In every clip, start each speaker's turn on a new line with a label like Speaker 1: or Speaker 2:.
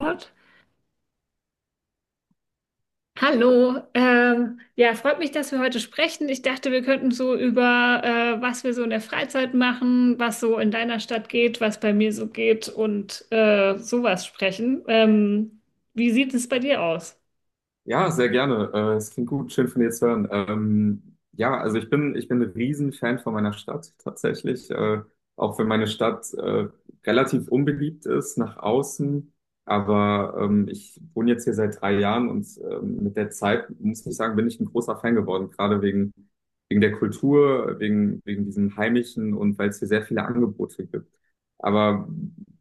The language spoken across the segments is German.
Speaker 1: Gott. Hallo, ja, freut mich, dass wir heute sprechen. Ich dachte, wir könnten so über, was wir so in der Freizeit machen, was so in deiner Stadt geht, was bei mir so geht und sowas sprechen. Wie sieht es bei dir aus?
Speaker 2: Ja, sehr gerne. Es klingt gut, schön von dir zu hören. Ja, also ich bin ein Riesenfan von meiner Stadt tatsächlich. Auch wenn meine Stadt relativ unbeliebt ist nach außen. Aber ich wohne jetzt hier seit drei Jahren und mit der Zeit, muss ich sagen, bin ich ein großer Fan geworden. Gerade wegen der Kultur, wegen diesem Heimischen und weil es hier sehr viele Angebote gibt. Aber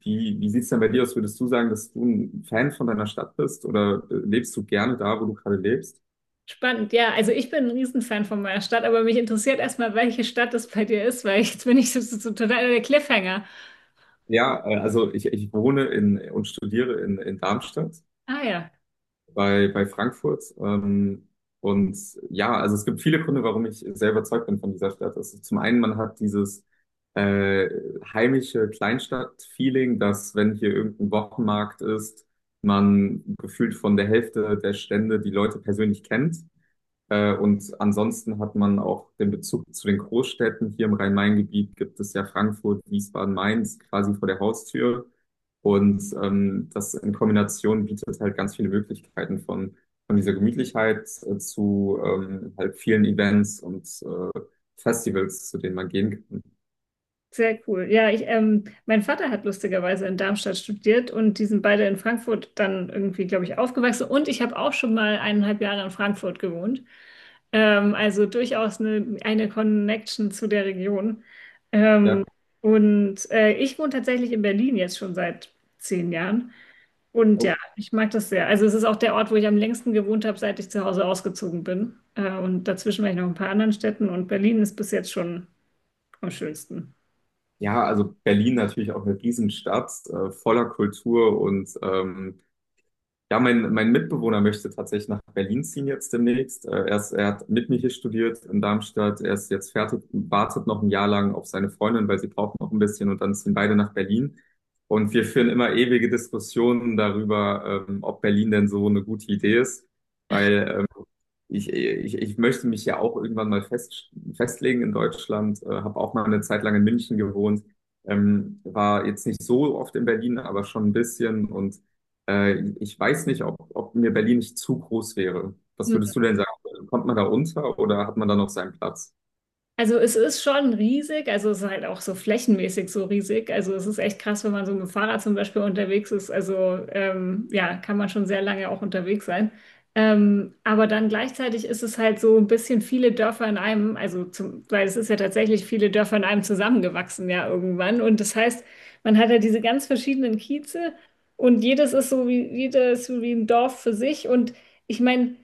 Speaker 2: wie sieht es denn bei dir aus? Würdest du sagen, dass du ein Fan von deiner Stadt bist oder lebst du gerne da, wo du gerade lebst?
Speaker 1: Spannend, ja. Also ich bin ein Riesenfan von meiner Stadt, aber mich interessiert erstmal, welche Stadt es bei dir ist, weil jetzt bin ich so total der Cliffhanger.
Speaker 2: Ja, also ich wohne in und studiere in Darmstadt
Speaker 1: Ah ja.
Speaker 2: bei Frankfurt. Und ja, also es gibt viele Gründe, warum ich sehr überzeugt bin von dieser Stadt. Also zum einen, man hat dieses äh, heimische Kleinstadt-Feeling, dass wenn hier irgendein Wochenmarkt ist, man gefühlt von der Hälfte der Stände die Leute persönlich kennt. Und ansonsten hat man auch den Bezug zu den Großstädten. Hier im Rhein-Main-Gebiet gibt es ja Frankfurt, Wiesbaden, Mainz quasi vor der Haustür. Und das in Kombination bietet halt ganz viele Möglichkeiten von dieser Gemütlichkeit zu halt vielen Events und Festivals, zu denen man gehen kann.
Speaker 1: Sehr cool. Ja, ich, mein Vater hat lustigerweise in Darmstadt studiert und die sind beide in Frankfurt dann irgendwie, glaube ich, aufgewachsen. Und ich habe auch schon mal 1,5 Jahre in Frankfurt gewohnt. Also durchaus eine Connection zu der Region.
Speaker 2: Ja.
Speaker 1: Und ich wohne tatsächlich in Berlin jetzt schon seit 10 Jahren. Und ja,
Speaker 2: Oh.
Speaker 1: ich mag das sehr. Also es ist auch der Ort, wo ich am längsten gewohnt habe, seit ich zu Hause ausgezogen bin. Und dazwischen war ich noch in ein paar anderen Städten und Berlin ist bis jetzt schon am schönsten.
Speaker 2: Ja, also Berlin natürlich auch eine Riesenstadt, voller Kultur und ja, mein Mitbewohner möchte tatsächlich nach Berlin ziehen jetzt demnächst. Er hat mit mir hier studiert in Darmstadt. Er ist jetzt fertig, wartet noch ein Jahr lang auf seine Freundin, weil sie braucht noch ein bisschen und dann ziehen beide nach Berlin. Und wir führen immer ewige Diskussionen darüber, ob Berlin denn so eine gute Idee ist, weil ich möchte mich ja auch irgendwann mal festlegen in Deutschland, habe auch mal eine Zeit lang in München gewohnt, war jetzt nicht so oft in Berlin, aber schon ein bisschen und ich weiß nicht, ob mir Berlin nicht zu groß wäre. Was würdest du denn sagen? Kommt man da unter oder hat man da noch seinen Platz?
Speaker 1: Also es ist schon riesig, also es ist halt auch so flächenmäßig so riesig. Also es ist echt krass, wenn man so mit dem Fahrrad zum Beispiel unterwegs ist. Also ja, kann man schon sehr lange auch unterwegs sein. Aber dann gleichzeitig ist es halt so ein bisschen viele Dörfer in einem, also weil es ist ja tatsächlich viele Dörfer in einem zusammengewachsen ja irgendwann. Und das heißt, man hat ja diese ganz verschiedenen Kieze und jedes ist so wie, jedes so wie ein Dorf für sich. Und ich meine,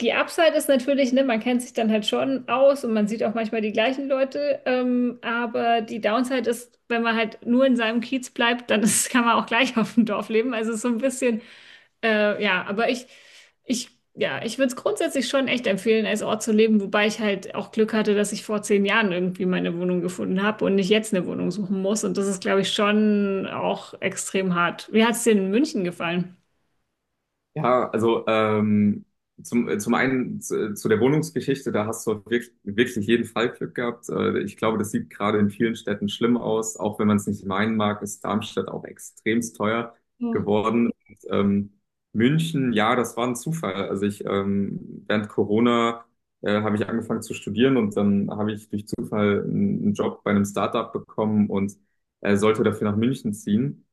Speaker 1: die Upside ist natürlich, ne, man kennt sich dann halt schon aus und man sieht auch manchmal die gleichen Leute, aber die Downside ist, wenn man halt nur in seinem Kiez bleibt, dann ist, kann man auch gleich auf dem Dorf leben. Also es ist so ein bisschen, ja, aber ich, ja, ich würde es grundsätzlich schon echt empfehlen, als Ort zu leben, wobei ich halt auch Glück hatte, dass ich vor 10 Jahren irgendwie meine Wohnung gefunden habe und nicht jetzt eine Wohnung suchen muss. Und das ist, glaube ich, schon auch extrem hart. Wie hat es dir in München gefallen?
Speaker 2: Ja, also zum, zum einen zu der Wohnungsgeschichte, da hast du wirklich jeden Fall Glück gehabt. Ich glaube, das sieht gerade in vielen Städten schlimm aus. Auch wenn man es nicht meinen mag, ist Darmstadt auch extremst teuer
Speaker 1: Ja.
Speaker 2: geworden. Und, München, ja, das war ein Zufall. Also ich, während Corona habe ich angefangen zu studieren und dann habe ich durch Zufall einen Job bei einem Startup bekommen und sollte dafür nach München ziehen.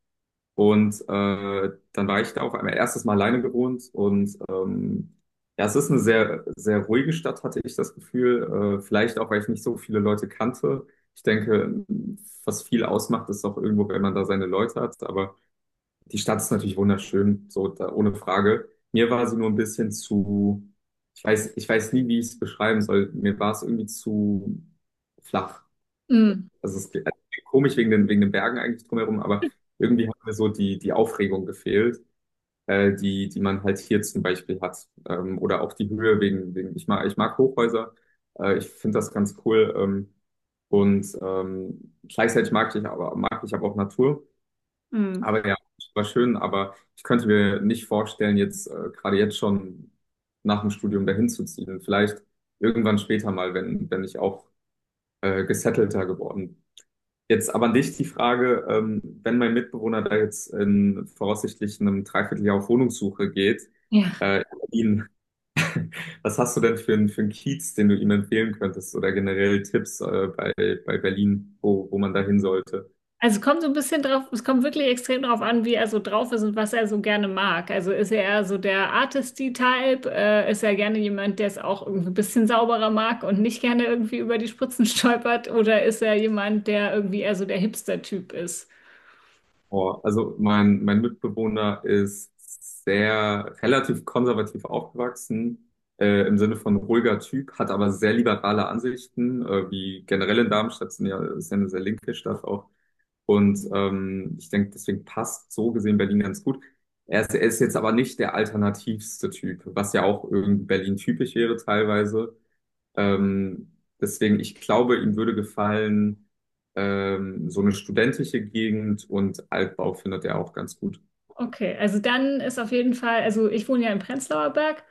Speaker 2: Und dann war ich da auf einmal erstes Mal alleine gewohnt und ja, es ist eine sehr ruhige Stadt, hatte ich das Gefühl. Vielleicht auch, weil ich nicht so viele Leute kannte. Ich denke, was viel ausmacht, ist auch irgendwo, wenn man da seine Leute hat. Aber die Stadt ist natürlich wunderschön, so da, ohne Frage. Mir war sie nur ein bisschen zu, ich weiß nie, wie ich es beschreiben soll. Mir war es irgendwie zu flach.
Speaker 1: Mm,
Speaker 2: Also es ist komisch wegen den Bergen eigentlich drumherum, aber irgendwie hat mir so die Aufregung gefehlt, die man halt hier zum Beispiel hat. Oder auch die Höhe wegen ich mag Hochhäuser. Ich finde das ganz cool. Und gleichzeitig mag ich aber auch Natur.
Speaker 1: mm.
Speaker 2: Aber ja, es war schön, aber ich könnte mir nicht vorstellen, jetzt gerade jetzt schon nach dem Studium dahin zu ziehen. Vielleicht irgendwann später mal, wenn ich auch gesettelter geworden bin. Jetzt aber an dich die Frage, wenn mein Mitbewohner da jetzt in voraussichtlich einem Dreivierteljahr auf Wohnungssuche geht,
Speaker 1: Ja.
Speaker 2: äh, ihn, was hast du denn für einen Kiez, den du ihm empfehlen könntest oder generell Tipps, bei Berlin, wo man da hin sollte?
Speaker 1: Also kommt so ein bisschen drauf, es kommt wirklich extrem drauf an, wie er so drauf ist und was er so gerne mag. Also ist er eher so der Artisty-Type, ist er gerne jemand, der es auch irgendwie ein bisschen sauberer mag und nicht gerne irgendwie über die Spritzen stolpert, oder ist er jemand, der irgendwie eher so der Hipster-Typ ist?
Speaker 2: Oh, also mein Mitbewohner ist sehr relativ konservativ aufgewachsen, im Sinne von ruhiger Typ, hat aber sehr liberale Ansichten, wie generell in Darmstadt, ist ja eine sehr linke Stadt auch. Und ich denke, deswegen passt so gesehen Berlin ganz gut. Er ist jetzt aber nicht der alternativste Typ, was ja auch irgendwie Berlin typisch wäre teilweise. Ähm, Deswegen, ich glaube, ihm würde gefallen, so eine studentische Gegend und Altbau findet er auch ganz gut.
Speaker 1: Okay, also dann ist auf jeden Fall, also ich wohne ja im Prenzlauer Berg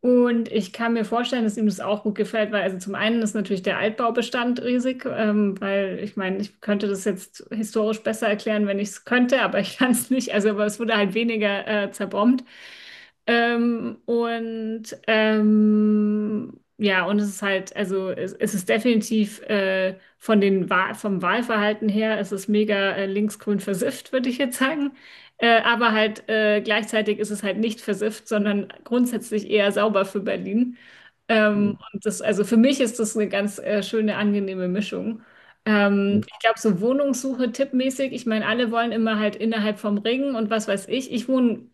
Speaker 1: und ich kann mir vorstellen, dass ihm das auch gut gefällt, weil also zum einen ist natürlich der Altbaubestand riesig, weil ich meine, ich könnte das jetzt historisch besser erklären, wenn ich es könnte, aber ich kann es nicht, also aber es wurde halt weniger zerbombt. Und ja, und es ist halt, also es ist definitiv von den Wahl, vom Wahlverhalten her, es ist mega linksgrün versifft, würde ich jetzt sagen. Aber halt gleichzeitig ist es halt nicht versifft, sondern grundsätzlich eher sauber für Berlin.
Speaker 2: Mhm.
Speaker 1: Und das, also für mich ist das eine ganz schöne, angenehme Mischung. Ich glaube, so Wohnungssuche tippmäßig, ich meine, alle wollen immer halt innerhalb vom Ring und was weiß ich. Ich wohne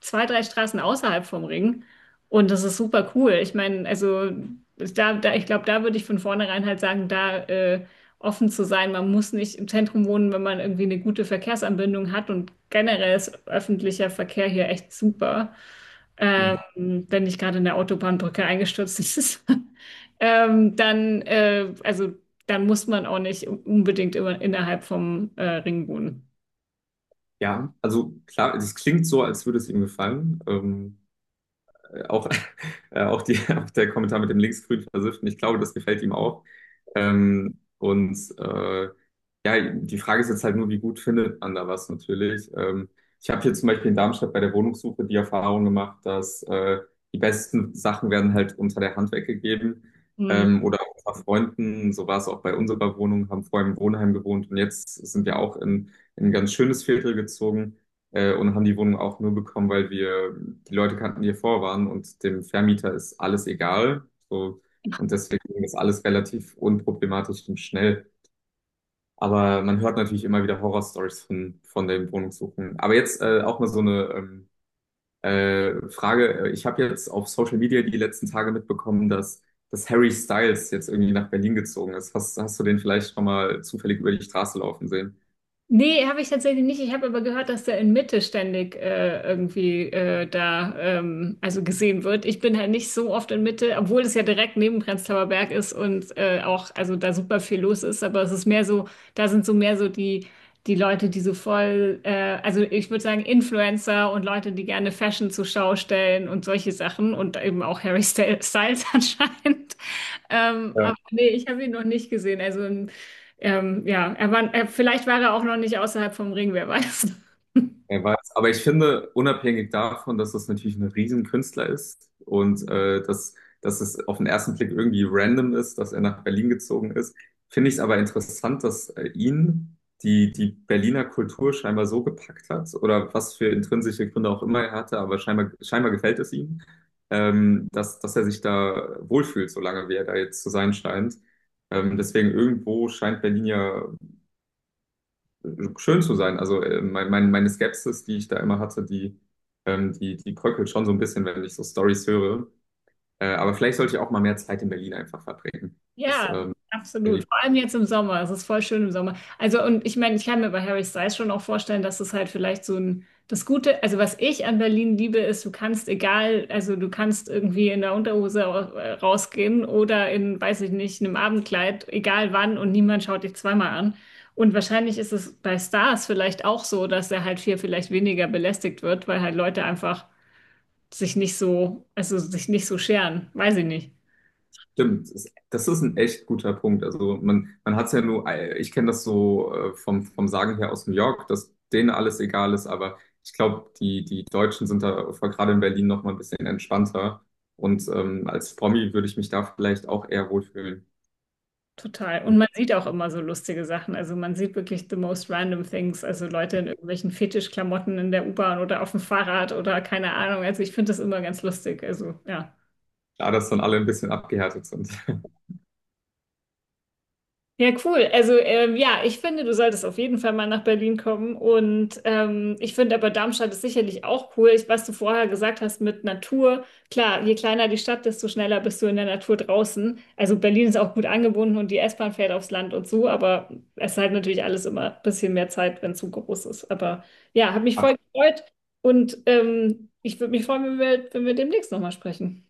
Speaker 1: zwei, drei Straßen außerhalb vom Ring. Und das ist super cool. Ich meine, also ich glaube, da würde ich von vornherein halt sagen, da offen zu sein. Man muss nicht im Zentrum wohnen, wenn man irgendwie eine gute Verkehrsanbindung hat. Und generell ist öffentlicher Verkehr hier echt super.
Speaker 2: Mhm.
Speaker 1: Ähm, wenn nicht gerade in der Autobahnbrücke eingestürzt ist, ähm, dann, äh, also, dann muss man auch nicht unbedingt immer innerhalb vom Ring wohnen.
Speaker 2: Ja, also klar, es klingt so, als würde es ihm gefallen. Auch, auch, auch der Kommentar mit dem linksgrün Versifften, ich glaube, das gefällt ihm auch. Ähm, und äh, ja, die Frage ist jetzt halt nur, wie gut findet man da was natürlich. Ich habe hier zum Beispiel in Darmstadt bei der Wohnungssuche die Erfahrung gemacht, dass die besten Sachen werden halt unter der Hand weggegeben.
Speaker 1: Hm.
Speaker 2: Oder auch unter Freunden, so war es auch bei unserer Wohnung, haben vorher im Wohnheim gewohnt und jetzt sind wir auch in ein ganz schönes Viertel gezogen und haben die Wohnung auch nur bekommen, weil wir die Leute kannten, die hier vor waren und dem Vermieter ist alles egal. So, und deswegen ging das alles relativ unproblematisch und schnell. Aber man hört natürlich immer wieder Horrorstories von den Wohnungssuchen. Aber jetzt auch mal so eine Frage. Ich habe jetzt auf Social Media die letzten Tage mitbekommen, dass Harry Styles jetzt irgendwie nach Berlin gezogen ist. Hast du den vielleicht schon mal zufällig über die Straße laufen sehen?
Speaker 1: Nee, habe ich tatsächlich nicht. Ich habe aber gehört, dass der in Mitte ständig irgendwie da also gesehen wird. Ich bin halt nicht so oft in Mitte, obwohl es ja direkt neben Prenzlauer Berg ist und auch also da super viel los ist. Aber es ist mehr so, da sind so mehr so die Leute, die so voll, also ich würde sagen Influencer und Leute, die gerne Fashion zur Schau stellen und solche Sachen und eben auch Harry Styles anscheinend. Aber nee, ich habe ihn noch nicht gesehen. Also ja, vielleicht war er auch noch nicht außerhalb vom Ring, wer weiß.
Speaker 2: Er weiß. Aber ich finde, unabhängig davon, dass das natürlich ein Riesenkünstler ist und dass es auf den ersten Blick irgendwie random ist, dass er nach Berlin gezogen ist, finde ich es aber interessant, dass ihn die Berliner Kultur scheinbar so gepackt hat oder was für intrinsische Gründe auch immer er hatte, aber scheinbar gefällt es ihm, dass er sich da wohlfühlt, solange wie er da jetzt zu sein scheint. Deswegen irgendwo scheint Berlin ja schön zu sein. Also meine Skepsis, die ich da immer hatte, die bröckelt schon so ein bisschen, wenn ich so Stories höre. Aber vielleicht sollte ich auch mal mehr Zeit in Berlin einfach verbringen. Das
Speaker 1: Ja, absolut.
Speaker 2: irgendwie-
Speaker 1: Vor allem jetzt im Sommer. Es ist voll schön im Sommer. Also, und ich meine, ich kann mir bei Harry Styles schon auch vorstellen, dass es halt vielleicht so ein, das Gute, also was ich an Berlin liebe, ist, du kannst egal, also du kannst irgendwie in der Unterhose rausgehen oder in, weiß ich nicht, einem Abendkleid, egal wann, und niemand schaut dich zweimal an. Und wahrscheinlich ist es bei Stars vielleicht auch so, dass er halt viel, vielleicht weniger belästigt wird, weil halt Leute einfach sich nicht so, also sich nicht so scheren. Weiß ich nicht.
Speaker 2: stimmt. Das ist ein echt guter Punkt. Also man hat es ja nur, ich kenne das so vom Sagen her aus New York, dass denen alles egal ist, aber ich glaube, die Deutschen sind da vor- gerade in Berlin noch mal ein bisschen entspannter. Und als Promi würde ich mich da vielleicht auch eher wohlfühlen.
Speaker 1: Total. Und man sieht auch immer so lustige Sachen. Also man sieht wirklich the most random things. Also Leute in irgendwelchen Fetischklamotten in der U-Bahn oder auf dem Fahrrad oder keine Ahnung. Also ich finde das immer ganz lustig. Also ja.
Speaker 2: Klar, dass dann alle ein bisschen abgehärtet sind.
Speaker 1: Ja, cool. Also ja, ich finde, du solltest auf jeden Fall mal nach Berlin kommen. Und ich finde aber Darmstadt ist sicherlich auch cool. Ich, was du vorher gesagt hast mit Natur, klar, je kleiner die Stadt, desto schneller bist du in der Natur draußen. Also Berlin ist auch gut angebunden und die S-Bahn fährt aufs Land und so, aber es ist halt natürlich alles immer ein bisschen mehr Zeit, wenn es so groß ist. Aber ja, hat mich voll gefreut und ich würde mich freuen, wenn wir demnächst nochmal sprechen.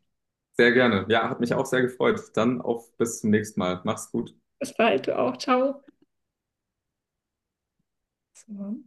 Speaker 2: Sehr gerne. Ja, hat mich auch sehr gefreut. Dann auf bis zum nächsten Mal. Mach's gut.
Speaker 1: Bis bald, du auch. Ciao. So.